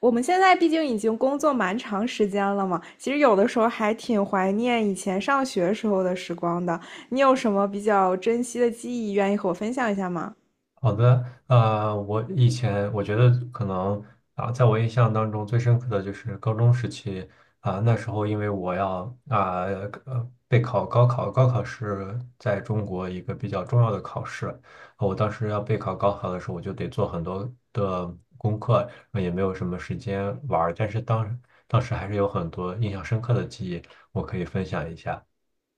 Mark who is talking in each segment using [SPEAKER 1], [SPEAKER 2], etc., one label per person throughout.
[SPEAKER 1] 我们现在毕竟已经工作蛮长时间了嘛，其实有的时候还挺怀念以前上学时候的时光的。你有什么比较珍惜的记忆，愿意和我分享一下吗？
[SPEAKER 2] 好的，我以前我觉得可能在我印象当中最深刻的就是高中时期。那时候因为我要啊备考高考，高考是在中国一个比较重要的考试。我当时要备考高考的时候，我就得做很多的功课，也没有什么时间玩儿，但是当时还是有很多印象深刻的记忆，我可以分享一下，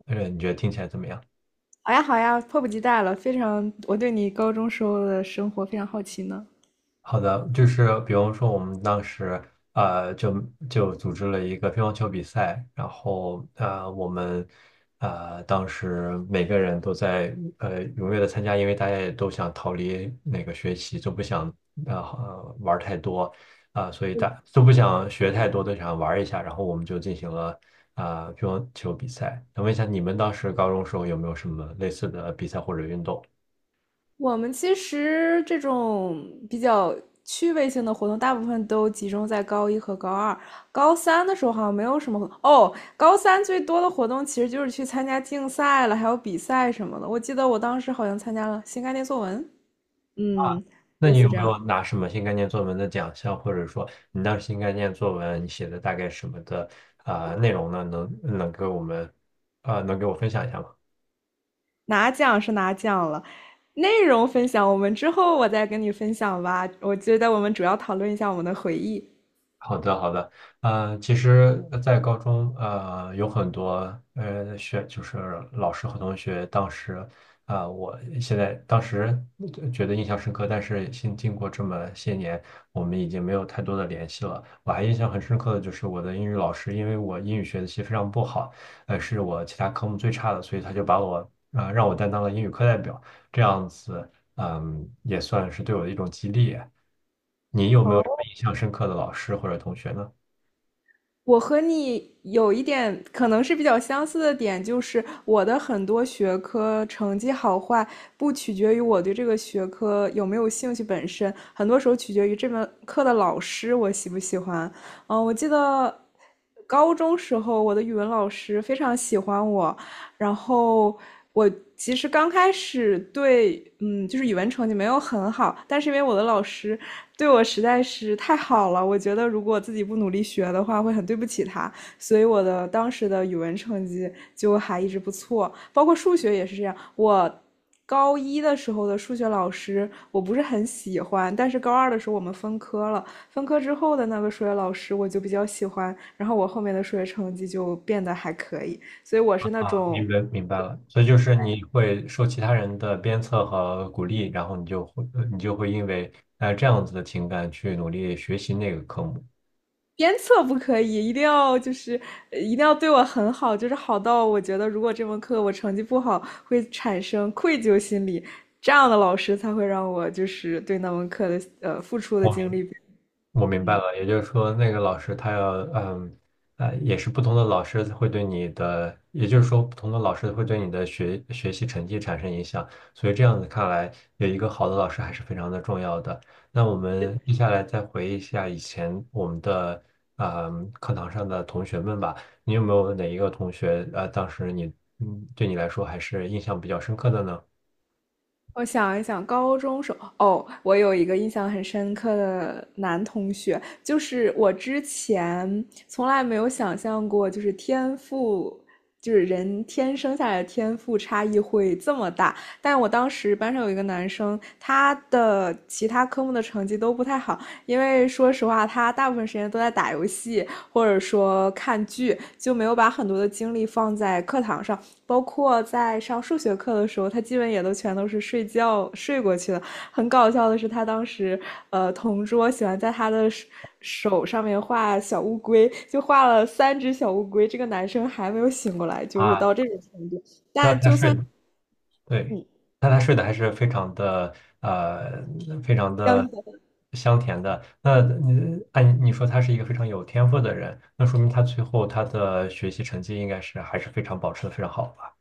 [SPEAKER 2] 你觉得听起来怎么样？
[SPEAKER 1] 好呀，好呀，迫不及待了，非常，我对你高中时候的生活非常好奇呢。
[SPEAKER 2] 好的，就是比方说我们当时呃就就组织了一个乒乓球比赛，然后我们当时每个人都在踊跃的参加，因为大家也都想逃离那个学习，就不想玩儿太多，所以大都不想学太多，都想玩儿一下，然后我们就进行了乒乓球比赛。想问一下，你们当时高中时候有没有什么类似的比赛或者运动？
[SPEAKER 1] 我们其实这种比较趣味性的活动，大部分都集中在高一和高二。高三的时候好像没有什么活动哦。高三最多的活动其实就是去参加竞赛了，还有比赛什么的。我记得我当时好像参加了新概念作文，嗯，
[SPEAKER 2] 那
[SPEAKER 1] 类
[SPEAKER 2] 你
[SPEAKER 1] 似
[SPEAKER 2] 有
[SPEAKER 1] 这
[SPEAKER 2] 没
[SPEAKER 1] 样。
[SPEAKER 2] 有拿什么新概念作文的奖项，或者说你当时新概念作文你写的大概什么的内容呢？能能给我们啊、呃能给我分享一下吗？
[SPEAKER 1] 拿奖是拿奖了，内容分享我们之后我再跟你分享吧。我觉得我们主要讨论一下我们的回忆。
[SPEAKER 2] 好的，好的，其实，在高中，有很多，呃，学就是老师和同学，当时，我当时觉得印象深刻，但是经过这么些年，我们已经没有太多的联系了。我还印象很深刻的就是我的英语老师，因为我英语学习非常不好，是我其他科目最差的，所以他就把我，让我担当了英语课代表，这样子。嗯，也算是对我的一种激励。你有没有什么
[SPEAKER 1] 哦。
[SPEAKER 2] 印象深刻的老师或者同学呢？
[SPEAKER 1] 我和你有一点可能是比较相似的点，就是我的很多学科成绩好坏不取决于我对这个学科有没有兴趣本身，很多时候取决于这门课的老师我喜不喜欢。嗯，我记得高中时候我的语文老师非常喜欢我，然后我其实刚开始对，嗯，就是语文成绩没有很好，但是因为我的老师对我实在是太好了，我觉得如果自己不努力学的话，会很对不起他，所以我的当时的语文成绩就还一直不错，包括数学也是这样，我。高一的时候的数学老师我不是很喜欢，但是高二的时候我们分科了，分科之后的那个数学老师我就比较喜欢，然后我后面的数学成绩就变得还可以，所以我是那
[SPEAKER 2] 啊，
[SPEAKER 1] 种
[SPEAKER 2] 明白了，所以就是你会受其他人的鞭策和鼓励，然后你就会因为这样子的情感去努力学习那个科目。
[SPEAKER 1] 鞭策不可以，一定要就是一定要对我很好，就是好到我觉得如果这门课我成绩不好，会产生愧疚心理，这样的老师才会让我就是对那门课的付出的
[SPEAKER 2] 我明
[SPEAKER 1] 精
[SPEAKER 2] 白
[SPEAKER 1] 力
[SPEAKER 2] 我明白
[SPEAKER 1] 嗯。
[SPEAKER 2] 了，也就是说，那个老师他要，嗯，也是不同的老师会对你的，也就是说，不同的老师会对你的学习成绩产生影响，所以这样子看来，有一个好的老师还是非常的重要的。那我们接下来再回忆一下以前我们的，嗯，课堂上的同学们吧，你有没有哪一个同学，当时你，嗯，对你来说还是印象比较深刻的呢？
[SPEAKER 1] 我想一想，高中时候，哦，我有一个印象很深刻的男同学，就是我之前从来没有想象过，就是天赋，就是人天生下来的天赋差异会这么大。但我当时班上有一个男生，他的其他科目的成绩都不太好，因为说实话，他大部分时间都在打游戏或者说看剧，就没有把很多的精力放在课堂上。包括在上数学课的时候，他基本也都全都是睡觉睡过去的。很搞笑的是，他当时同桌喜欢在他的手上面画小乌龟，就画了三只小乌龟。这个男生还没有醒过来，就是到
[SPEAKER 2] 啊，
[SPEAKER 1] 这种程度。
[SPEAKER 2] 那他是。对，
[SPEAKER 1] 嗯，
[SPEAKER 2] 那他睡得还是非常的，呃，非常
[SPEAKER 1] 相
[SPEAKER 2] 的
[SPEAKER 1] 信
[SPEAKER 2] 香甜的。那你按你说他是一个非常有天赋的人，那说明他最后他的学习成绩应该是还是非常保持的非常好吧？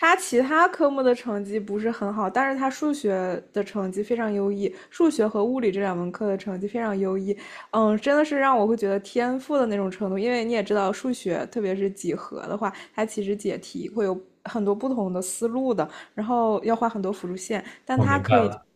[SPEAKER 1] 他其他科目的成绩不是很好，但是他数学的成绩非常优异，数学和物理这两门课的成绩非常优异。嗯，真的是让我会觉得天赋的那种程度，因为你也知道，数学特别是几何的话，它其实解题会有很多不同的思路的，然后要画很多辅助线，但
[SPEAKER 2] 我
[SPEAKER 1] 他
[SPEAKER 2] 明白
[SPEAKER 1] 可以
[SPEAKER 2] 了。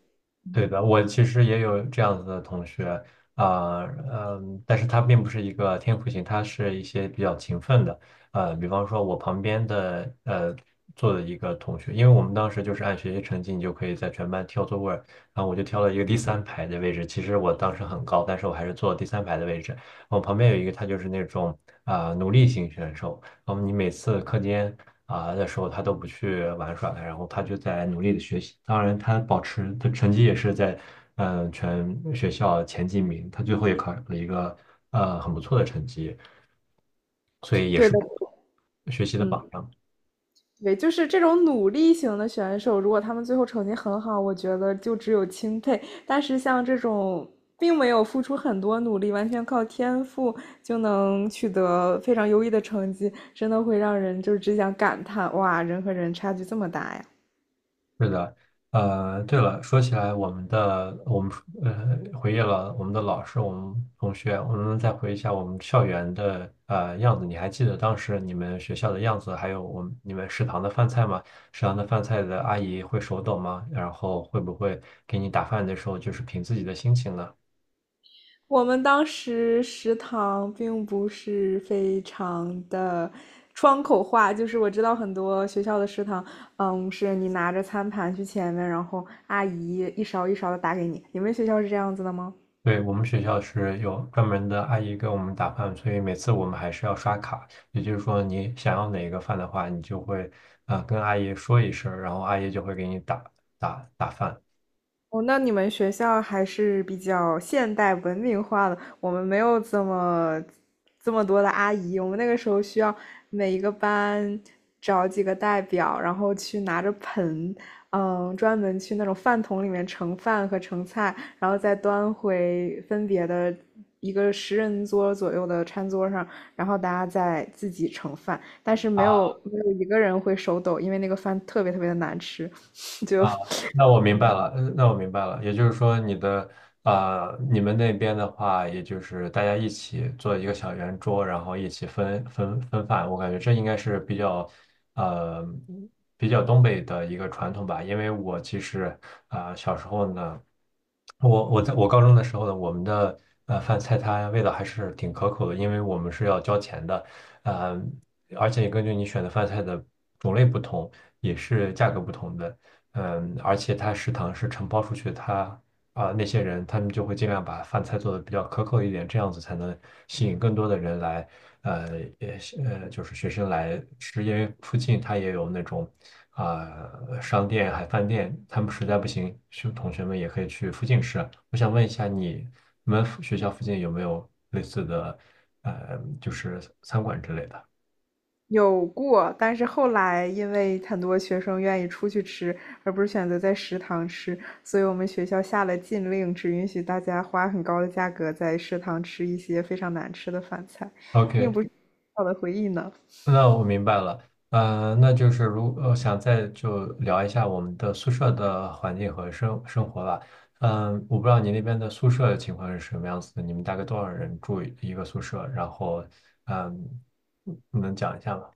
[SPEAKER 2] 对的，我其实也有这样子的同学，啊、嗯，但是他并不是一个天赋型，他是一些比较勤奋的。比方说我旁边的坐的一个同学，因为我们当时就是按学习成绩，你就可以在全班挑座位儿，然后我就挑了一个第三排的位置。其实我当时很高，但是我还是坐了第三排的位置。我旁边有一个他就是那种努力型选手，然后你每次课间的时候，他都不去玩耍了，然后他就在努力的学习。当然，他保持他成绩也是在全学校前几名，他最后也考了一个很不错的成绩，所以
[SPEAKER 1] 对的，
[SPEAKER 2] 学习的
[SPEAKER 1] 嗯，
[SPEAKER 2] 榜样。
[SPEAKER 1] 对，就是这种努力型的选手，如果他们最后成绩很好，我觉得就只有钦佩。但是像这种并没有付出很多努力，完全靠天赋就能取得非常优异的成绩，真的会让人就只想感叹：哇，人和人差距这么大呀！
[SPEAKER 2] 是的。对了，说起来，我们回忆了我们的老师，我们同学，我们再回忆一下我们校园的样子。你还记得当时你们学校的样子，还有我们你们食堂的饭菜吗？食堂的饭菜的阿姨会手抖吗？然后会不会给你打饭的时候就是凭自己的心情呢？
[SPEAKER 1] 我们当时食堂并不是非常的窗口化，就是我知道很多学校的食堂，嗯，是你拿着餐盘去前面，然后阿姨一勺一勺的打给你。你们学校是这样子的吗？
[SPEAKER 2] 对，我们学校是有专门的阿姨给我们打饭，所以每次我们还是要刷卡。也就是说，你想要哪一个饭的话，你就会跟阿姨说一声儿，然后阿姨就会给你打饭。
[SPEAKER 1] 哦，那你们学校还是比较现代文明化的，我们没有这么多的阿姨，我们那个时候需要每一个班找几个代表，然后去拿着盆，嗯，专门去那种饭桶里面盛饭和盛菜，然后再端回分别的一个十人桌左右的餐桌上，然后大家再自己盛饭，但是
[SPEAKER 2] 啊
[SPEAKER 1] 没有一个人会手抖，因为那个饭特别特别的难吃，
[SPEAKER 2] 啊，
[SPEAKER 1] 就
[SPEAKER 2] 那我明白了，我明白了，也就是说，你们那边的话，也就是大家一起做一个小圆桌，然后一起分饭，我感觉这应该是比较呃比较东北的一个传统吧，因为我其实小时候呢，我在我高中的时候呢，我们的饭菜它味道还是挺可口的，因为我们是要交钱的。呃，而且根据你选的饭菜的种类不同，也是价格不同的。而且它食堂是承包出去，它那些人，他们就会尽量把饭菜做的比较可口一点，这样子才能吸引更多的人来，呃，也就是学生来吃，因为附近他也有那种啊、商店、还饭店，他们实在不行，学同学们也可以去附近吃。我想问一下你，你们附学校附近有没有类似的，就是餐馆之类的
[SPEAKER 1] 有过，但是后来因为很多学生愿意出去吃，而不是选择在食堂吃，所以我们学校下了禁令，只允许大家花很高的价格在食堂吃一些非常难吃的饭菜，
[SPEAKER 2] ？OK，
[SPEAKER 1] 并不是美好的回忆呢。
[SPEAKER 2] 那我明白了。嗯，那就是想再就聊一下我们的宿舍的环境和生活吧。嗯，我不知道你那边的宿舍情况是什么样子的，你们大概多少人住一个宿舍？然后，嗯，能讲一下吗？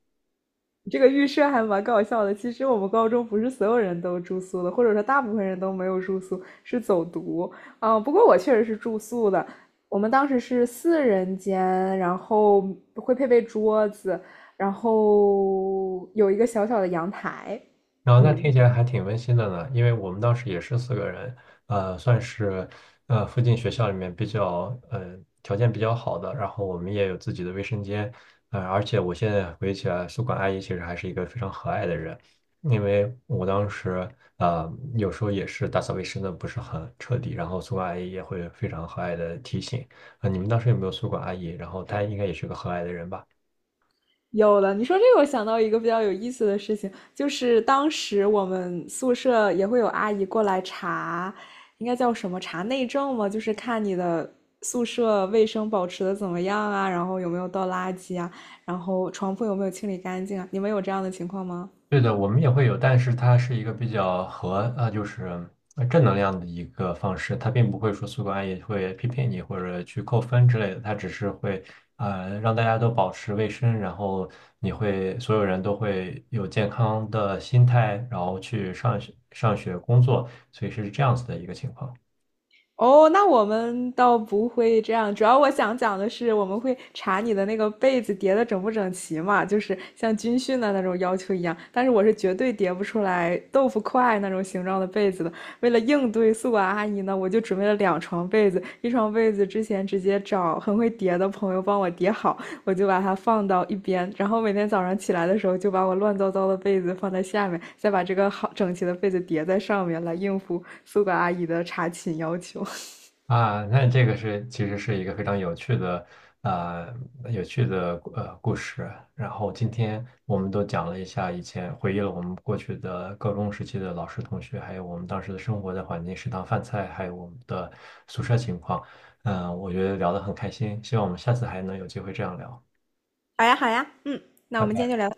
[SPEAKER 1] 这个预设还蛮搞笑的。其实我们高中不是所有人都住宿的，或者说大部分人都没有住宿，是走读。啊，不过我确实是住宿的。我们当时是四人间，然后会配备桌子，然后有一个小小的阳台。
[SPEAKER 2] 然后那听
[SPEAKER 1] 嗯，
[SPEAKER 2] 起来还挺温馨的呢，因为我们当时也是四个人，算是附近学校里面比较条件比较好的，然后我们也有自己的卫生间。而且我现在回忆起来，宿管阿姨其实还是一个非常和蔼的人，因为我当时呃有时候也是打扫卫生的不是很彻底，然后宿管阿姨也会非常和蔼的提醒。你们当时有没有宿管阿姨？然后她应该也是个和蔼的人吧？
[SPEAKER 1] 有了，你说这个，我想到一个比较有意思的事情，就是当时我们宿舍也会有阿姨过来查，应该叫什么查内政嘛，就是看你的宿舍卫生保持的怎么样啊，然后有没有倒垃圾啊，然后床铺有没有清理干净啊。你们有这样的情况吗？
[SPEAKER 2] 对的，我们也会有，但是它是一个比较和就是正能量的一个方式，它并不会说宿管也会批评你或者去扣分之类的，它只是会让大家都保持卫生，然后你会所有人都会有健康的心态，然后去上学、上学、工作，所以是这样子的一个情况。
[SPEAKER 1] 哦，那我们倒不会这样。主要我想讲的是，我们会查你的那个被子叠的整不整齐嘛，就是像军训的那种要求一样。但是我是绝对叠不出来豆腐块那种形状的被子的。为了应对宿管阿姨呢，我就准备了两床被子，一床被子之前直接找很会叠的朋友帮我叠好，我就把它放到一边，然后每天早上起来的时候就把我乱糟糟的被子放在下面，再把这个好整齐的被子叠在上面，来应付宿管阿姨的查寝要求。
[SPEAKER 2] 啊，那这个是其实是一个非常有趣的，呃，有趣的故事。然后今天我们都讲了一下以前，回忆了我们过去的高中时期的老师、同学，还有我们当时的生活的环境、食堂饭菜，还有我们的宿舍情况。我觉得聊得很开心，希望我们下次还能有机会这样聊。
[SPEAKER 1] 好呀，好呀，嗯，那
[SPEAKER 2] 拜
[SPEAKER 1] 我们今天
[SPEAKER 2] 拜。
[SPEAKER 1] 就聊。